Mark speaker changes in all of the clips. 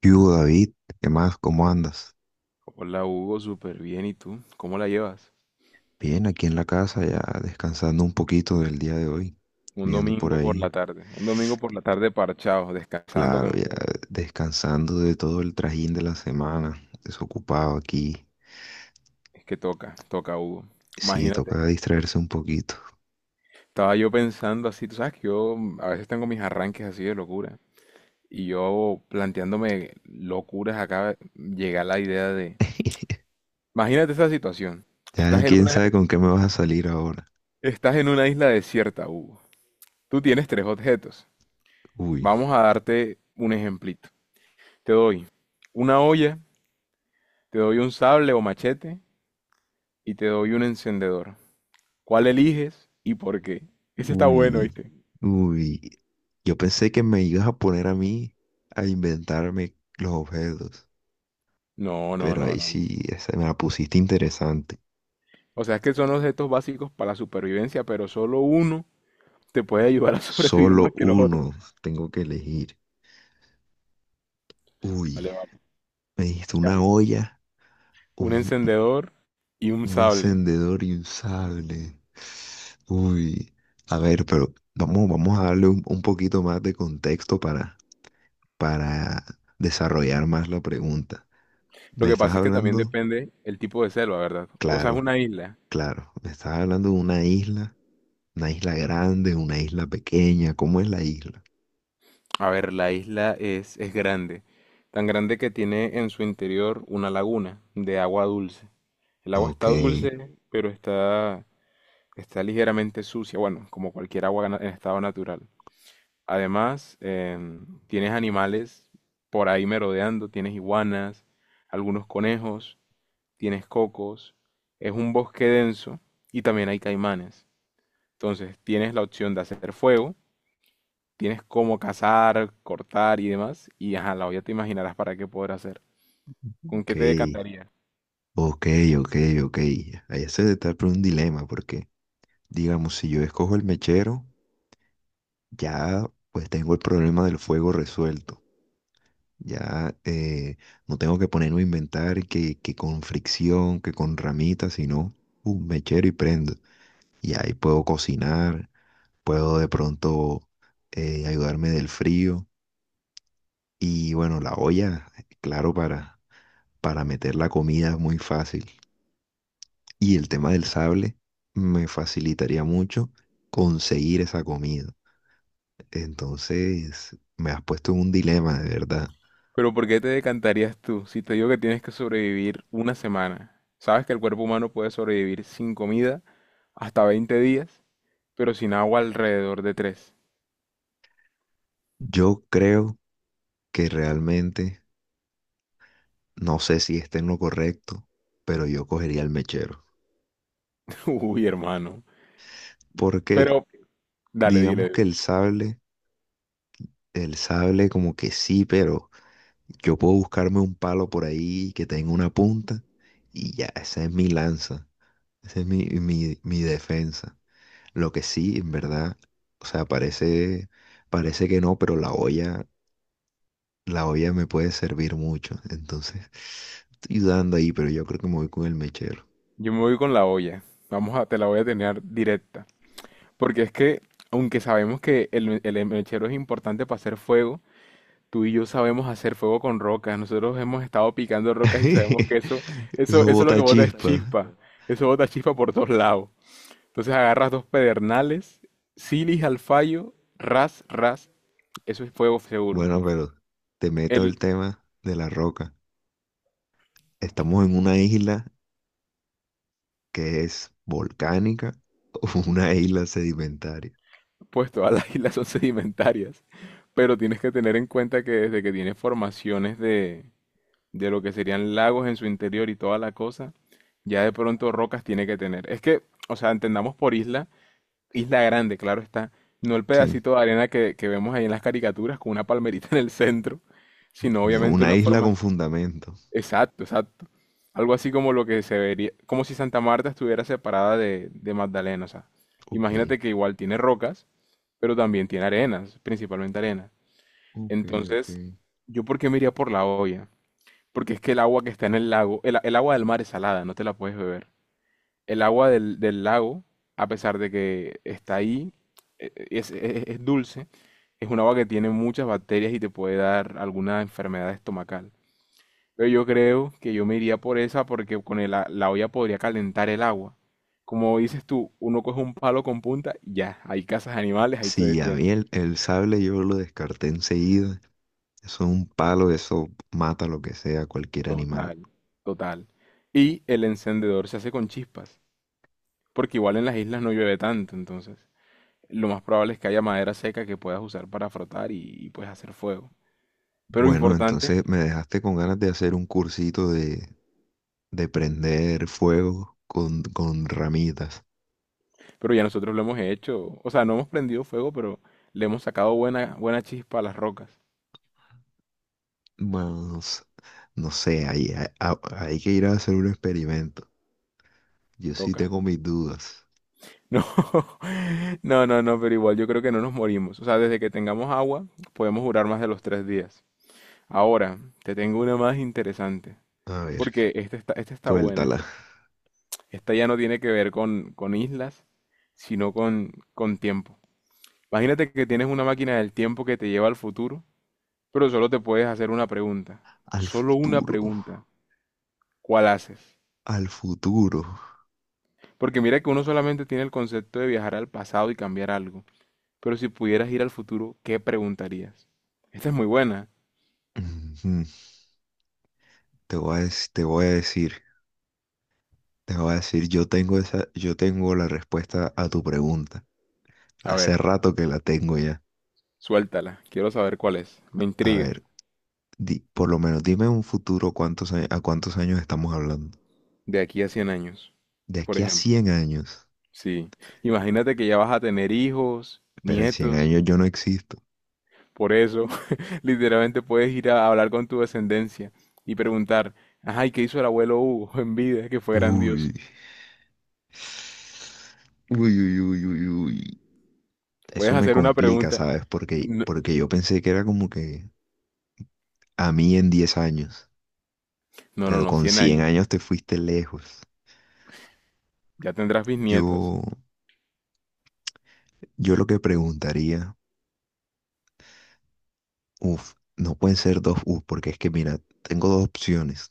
Speaker 1: ¿Qué hubo, David? ¿Qué más? ¿Cómo andas?
Speaker 2: Hola Hugo, súper bien. ¿Y tú? ¿Cómo la llevas?
Speaker 1: Bien, aquí en la casa ya descansando un poquito del día de hoy,
Speaker 2: Un
Speaker 1: viendo por
Speaker 2: domingo por la
Speaker 1: ahí,
Speaker 2: tarde. Un domingo por la tarde parchado, descansando
Speaker 1: claro,
Speaker 2: como
Speaker 1: ya
Speaker 2: se ve.
Speaker 1: descansando de todo el trajín de la semana, desocupado aquí.
Speaker 2: Es que toca, toca Hugo.
Speaker 1: Sí,
Speaker 2: Imagínate.
Speaker 1: toca distraerse un poquito.
Speaker 2: Estaba yo pensando así, tú sabes que yo a veces tengo mis arranques así de locura. Y yo planteándome locuras acá, llega la idea de... Imagínate esa situación.
Speaker 1: Ya
Speaker 2: Estás en
Speaker 1: quién
Speaker 2: una,
Speaker 1: sabe con qué me vas a salir ahora.
Speaker 2: estás en una isla desierta, Hugo. Tú tienes tres objetos.
Speaker 1: Uy,
Speaker 2: Vamos a darte un ejemplito. Te doy una olla, te doy un sable o machete y te doy un encendedor. ¿Cuál eliges y por qué? Ese está bueno,
Speaker 1: uy,
Speaker 2: ¿viste?
Speaker 1: uy. Yo pensé que me ibas a poner a mí a inventarme los objetos,
Speaker 2: No, no,
Speaker 1: pero
Speaker 2: no,
Speaker 1: ahí
Speaker 2: no, no.
Speaker 1: sí, esa me la pusiste interesante.
Speaker 2: O sea, es que son objetos básicos para la supervivencia, pero solo uno te puede ayudar a sobrevivir más
Speaker 1: Solo
Speaker 2: que los otros.
Speaker 1: uno. Tengo que elegir. Uy,
Speaker 2: Vale, vale.
Speaker 1: me dijiste
Speaker 2: Ya,
Speaker 1: una
Speaker 2: ya.
Speaker 1: olla,
Speaker 2: Un
Speaker 1: un,
Speaker 2: encendedor y un
Speaker 1: un
Speaker 2: sable.
Speaker 1: encendedor y un sable. Uy, a ver, pero vamos, vamos a darle un poquito más de contexto para desarrollar más la pregunta.
Speaker 2: Lo
Speaker 1: ¿Me
Speaker 2: que
Speaker 1: estás
Speaker 2: pasa es que también
Speaker 1: hablando?
Speaker 2: depende el tipo de selva, ¿verdad? O sea, es
Speaker 1: Claro,
Speaker 2: una isla.
Speaker 1: claro. ¿Me estás hablando de una isla? ¿Una isla grande? ¿Una isla pequeña? ¿Cómo es la isla?
Speaker 2: A ver, la isla es grande, tan grande que tiene en su interior una laguna de agua dulce. El agua
Speaker 1: Ok,
Speaker 2: está dulce, pero está está ligeramente sucia, bueno, como cualquier agua en estado natural. Además, tienes animales por ahí merodeando, tienes iguanas, algunos conejos, tienes cocos. Es un bosque denso y también hay caimanes. Entonces, tienes la opción de hacer fuego, tienes cómo cazar, cortar y demás. Y ajá, la olla te imaginarás para qué poder hacer. ¿Con
Speaker 1: ok.
Speaker 2: qué te decantarías?
Speaker 1: Ok, ok, ok. Ahí se está por un dilema porque, digamos, si yo escojo el mechero, ya pues tengo el problema del fuego resuelto. Ya, no tengo que ponerme a inventar que con fricción, que con ramitas, sino un mechero y prendo. Y ahí puedo cocinar, puedo de pronto, ayudarme del frío. Y bueno, la olla, claro, para meter la comida es muy fácil. Y el tema del sable me facilitaría mucho conseguir esa comida. Entonces, me has puesto en un dilema, de verdad.
Speaker 2: Pero ¿por qué te decantarías tú si te digo que tienes que sobrevivir una semana? Sabes que el cuerpo humano puede sobrevivir sin comida hasta 20 días, pero sin agua alrededor de 3.
Speaker 1: Yo creo que realmente, no sé si esté en lo correcto, pero yo cogería el mechero.
Speaker 2: Uy, hermano.
Speaker 1: Porque
Speaker 2: Pero, dale,
Speaker 1: digamos
Speaker 2: dile.
Speaker 1: que el sable como que sí, pero yo puedo buscarme un palo por ahí que tenga una punta y ya, esa es mi lanza, esa es mi, mi defensa. Lo que sí, en verdad, o sea, parece, parece que no, pero la olla me puede servir mucho. Entonces, estoy dudando ahí, pero yo creo que me voy con el mechero.
Speaker 2: Yo me voy con la olla. Vamos a, te la voy a tener directa. Porque es que, aunque sabemos que el mechero es importante para hacer fuego, tú y yo sabemos hacer fuego con rocas. Nosotros hemos estado picando rocas y sabemos que
Speaker 1: Eso
Speaker 2: eso lo
Speaker 1: bota
Speaker 2: que bota es
Speaker 1: chispa.
Speaker 2: chispa. Chispa. Eso bota chispa por todos lados. Entonces agarras dos pedernales, silis al fallo, ras, ras. Eso es fuego seguro.
Speaker 1: Bueno, pero te meto el tema de la roca. Estamos en una isla que es volcánica o una isla sedimentaria.
Speaker 2: Pues todas las islas son sedimentarias, pero tienes que tener en cuenta que desde que tiene formaciones de lo que serían lagos en su interior y toda la cosa, ya de pronto rocas tiene que tener. Es que, o sea, entendamos por isla, isla grande, claro está, no el
Speaker 1: Sí,
Speaker 2: pedacito de arena que vemos ahí en las caricaturas con una palmerita en el centro, sino obviamente
Speaker 1: una
Speaker 2: una
Speaker 1: isla
Speaker 2: forma...
Speaker 1: con fundamento.
Speaker 2: Exacto, exacto. Algo así como lo que se vería, como si Santa Marta estuviera separada de Magdalena, o sea,
Speaker 1: Ok,
Speaker 2: imagínate que igual tiene rocas, pero también tiene arenas, principalmente arenas.
Speaker 1: ok, ok.
Speaker 2: Entonces, ¿yo por qué me iría por la olla? Porque es que el agua que está en el lago, el agua del mar es salada, no te la puedes beber. El agua del lago, a pesar de que está ahí, es dulce, es un agua que tiene muchas bacterias y te puede dar alguna enfermedad estomacal. Pero yo creo que yo me iría por esa porque con la olla podría calentar el agua. Como dices tú, uno coge un palo con punta, y ya, hay cazas animales, ahí te
Speaker 1: Sí, a mí
Speaker 2: defiendes.
Speaker 1: el sable yo lo descarté enseguida. Eso es un palo, eso mata lo que sea, cualquier animal.
Speaker 2: Total, total. Y el encendedor se hace con chispas, porque igual en las islas no llueve tanto, entonces lo más probable es que haya madera seca que puedas usar para frotar y puedes hacer fuego. Pero
Speaker 1: Bueno,
Speaker 2: importante,
Speaker 1: entonces me dejaste con ganas de hacer un cursito de prender fuego con ramitas.
Speaker 2: pero ya nosotros lo hemos hecho, o sea, no hemos prendido fuego, pero le hemos sacado buena, buena chispa a las rocas.
Speaker 1: Más, no sé, hay que ir a hacer un experimento. Yo sí
Speaker 2: Toca.
Speaker 1: tengo mis dudas.
Speaker 2: No, no, no, no, pero igual yo creo que no nos morimos. O sea, desde que tengamos agua, podemos durar más de los tres días. Ahora, te tengo una más interesante,
Speaker 1: A ver,
Speaker 2: porque esta está buena.
Speaker 1: suéltala.
Speaker 2: Esta ya no tiene que ver con islas, sino con tiempo. Imagínate que tienes una máquina del tiempo que te lleva al futuro, pero solo te puedes hacer una pregunta.
Speaker 1: Al
Speaker 2: Solo una
Speaker 1: futuro,
Speaker 2: pregunta. ¿Cuál haces?
Speaker 1: al futuro.
Speaker 2: Porque mira que uno solamente tiene el concepto de viajar al pasado y cambiar algo. Pero si pudieras ir al futuro, ¿qué preguntarías? Esta es muy buena.
Speaker 1: Ujú. Te voy a decir, te voy a decir, yo tengo esa, yo tengo la respuesta a tu pregunta.
Speaker 2: A
Speaker 1: Hace
Speaker 2: ver,
Speaker 1: rato que la tengo ya.
Speaker 2: suéltala. Quiero saber cuál es. Me
Speaker 1: A
Speaker 2: intriga.
Speaker 1: ver, por lo menos dime un futuro cuántos, a cuántos años estamos hablando.
Speaker 2: De aquí a 100 años,
Speaker 1: De
Speaker 2: por
Speaker 1: aquí a
Speaker 2: ejemplo.
Speaker 1: 100 años.
Speaker 2: Sí. Imagínate que ya vas a tener hijos,
Speaker 1: Pero en 100
Speaker 2: nietos.
Speaker 1: años yo no existo.
Speaker 2: Por eso, literalmente puedes ir a hablar con tu descendencia y preguntar, ay, ¿qué hizo el abuelo Hugo en vida? Que fue grandioso.
Speaker 1: Uy. Uy, uy, uy, uy, uy.
Speaker 2: Puedes
Speaker 1: Eso me
Speaker 2: hacer una
Speaker 1: complica,
Speaker 2: pregunta.
Speaker 1: ¿sabes?
Speaker 2: No,
Speaker 1: Porque yo pensé que era como que a mí en 10 años,
Speaker 2: no, no,
Speaker 1: pero
Speaker 2: no,
Speaker 1: con
Speaker 2: 100
Speaker 1: 100
Speaker 2: años.
Speaker 1: años te fuiste lejos.
Speaker 2: Ya tendrás bisnietos.
Speaker 1: Yo, yo lo que preguntaría, uff, no pueden ser dos uff, porque es que mira, tengo dos opciones.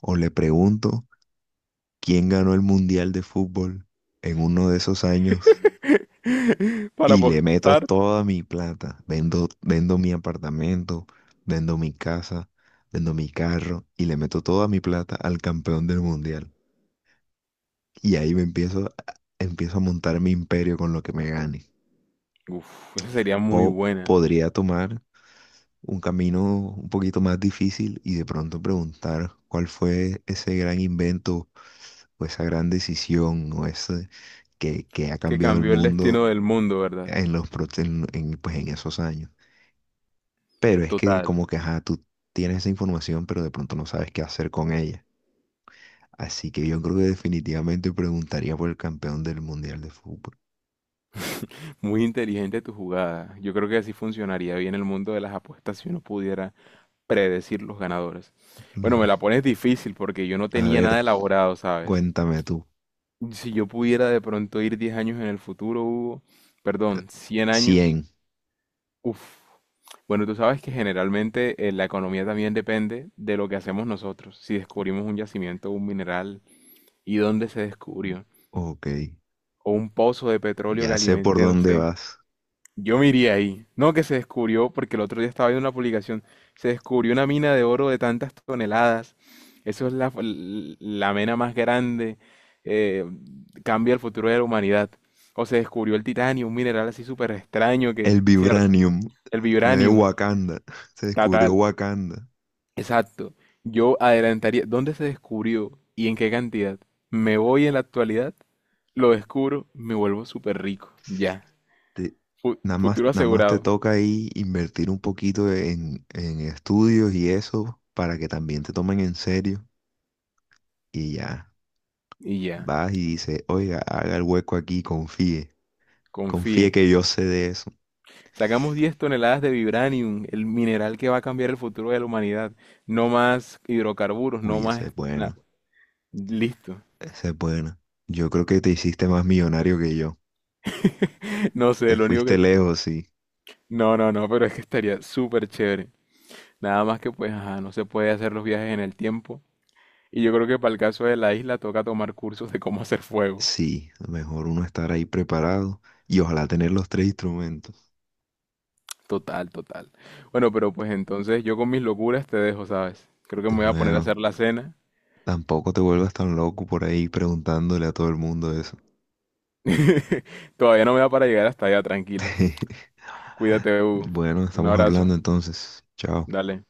Speaker 1: O le pregunto quién ganó el Mundial de Fútbol en uno de esos años.
Speaker 2: Para
Speaker 1: Y le meto
Speaker 2: apostar.
Speaker 1: toda mi plata. Vendo mi apartamento, vendo mi casa, vendo mi carro y le meto toda mi plata al campeón del mundial. Y ahí empiezo a montar mi imperio con lo que me gane.
Speaker 2: Uf, esa sería muy
Speaker 1: O
Speaker 2: buena.
Speaker 1: podría tomar un camino un poquito más difícil y de pronto preguntar cuál fue ese gran invento o esa gran decisión o ese que, ha
Speaker 2: ¿Que
Speaker 1: cambiado el
Speaker 2: cambió el
Speaker 1: mundo
Speaker 2: destino del mundo, verdad?
Speaker 1: en los, pro- en, pues, en esos años. Pero es que
Speaker 2: Total.
Speaker 1: como que, ajá, tú tienes esa información, pero de pronto no sabes qué hacer con ella. Así que yo creo que definitivamente preguntaría por el campeón del Mundial de Fútbol.
Speaker 2: Muy inteligente tu jugada. Yo creo que así funcionaría bien el mundo de las apuestas si uno pudiera predecir los ganadores. Bueno, me
Speaker 1: Claro.
Speaker 2: la pones difícil porque yo no
Speaker 1: A
Speaker 2: tenía
Speaker 1: ver,
Speaker 2: nada elaborado, ¿sabes?
Speaker 1: cuéntame tú.
Speaker 2: Si yo pudiera de pronto ir 10 años en el futuro, Hugo,
Speaker 1: Eh,
Speaker 2: perdón, 100 años,
Speaker 1: 100.
Speaker 2: uff. Bueno, tú sabes que generalmente la economía también depende de lo que hacemos nosotros. Si descubrimos un yacimiento, un mineral y dónde se descubrió,
Speaker 1: Ok.
Speaker 2: o un pozo de petróleo que
Speaker 1: Ya sé por
Speaker 2: alimente, no
Speaker 1: dónde
Speaker 2: sé,
Speaker 1: vas.
Speaker 2: yo me iría ahí. No que se descubrió, porque el otro día estaba viendo una publicación, se descubrió una mina de oro de tantas toneladas. Eso es la mena más grande. eh, Cambia el futuro de la humanidad. O se descubrió el titanio, un mineral así súper extraño que,
Speaker 1: El
Speaker 2: cierto,
Speaker 1: vibranium
Speaker 2: el
Speaker 1: de
Speaker 2: vibranium,
Speaker 1: Wakanda. Se descubrió
Speaker 2: total.
Speaker 1: Wakanda.
Speaker 2: Exacto. Yo adelantaría, ¿dónde se descubrió y en qué cantidad? Me voy en la actualidad, lo descubro, me vuelvo súper rico. Ya.
Speaker 1: Te- nada más,
Speaker 2: Futuro
Speaker 1: nada más te
Speaker 2: asegurado.
Speaker 1: toca ahí invertir un poquito en estudios y eso para que también te tomen en serio. Y ya.
Speaker 2: Y ya.
Speaker 1: Vas y dices, oiga, haga el hueco aquí, confíe.
Speaker 2: Confíe.
Speaker 1: Confíe que yo sé de eso.
Speaker 2: Sacamos 10 toneladas de vibranium, el mineral que va a cambiar el futuro de la humanidad. No más hidrocarburos, no
Speaker 1: Uy, esa es
Speaker 2: más nada.
Speaker 1: buena.
Speaker 2: Listo.
Speaker 1: Esa es buena. Yo creo que te hiciste más millonario que yo.
Speaker 2: No sé,
Speaker 1: Te
Speaker 2: lo único
Speaker 1: fuiste
Speaker 2: que... te-
Speaker 1: lejos, sí.
Speaker 2: No, no, no, pero es que estaría súper chévere. Nada más que pues, ajá, no se puede hacer los viajes en el tiempo. Y yo creo que para el caso de la isla toca tomar cursos de cómo hacer fuego.
Speaker 1: Sí, mejor uno estar ahí preparado y ojalá tener los tres instrumentos.
Speaker 2: Total, total. Bueno, pero pues entonces yo con mis locuras te dejo, ¿sabes? Creo que me voy a poner a
Speaker 1: Bueno,
Speaker 2: hacer la cena.
Speaker 1: tampoco te vuelvas tan loco por ahí preguntándole a todo el mundo eso.
Speaker 2: Todavía no me da para llegar hasta allá, tranquilo. Cuídate, Hugo.
Speaker 1: Bueno,
Speaker 2: Un
Speaker 1: estamos
Speaker 2: abrazo.
Speaker 1: hablando entonces. Chao.
Speaker 2: Dale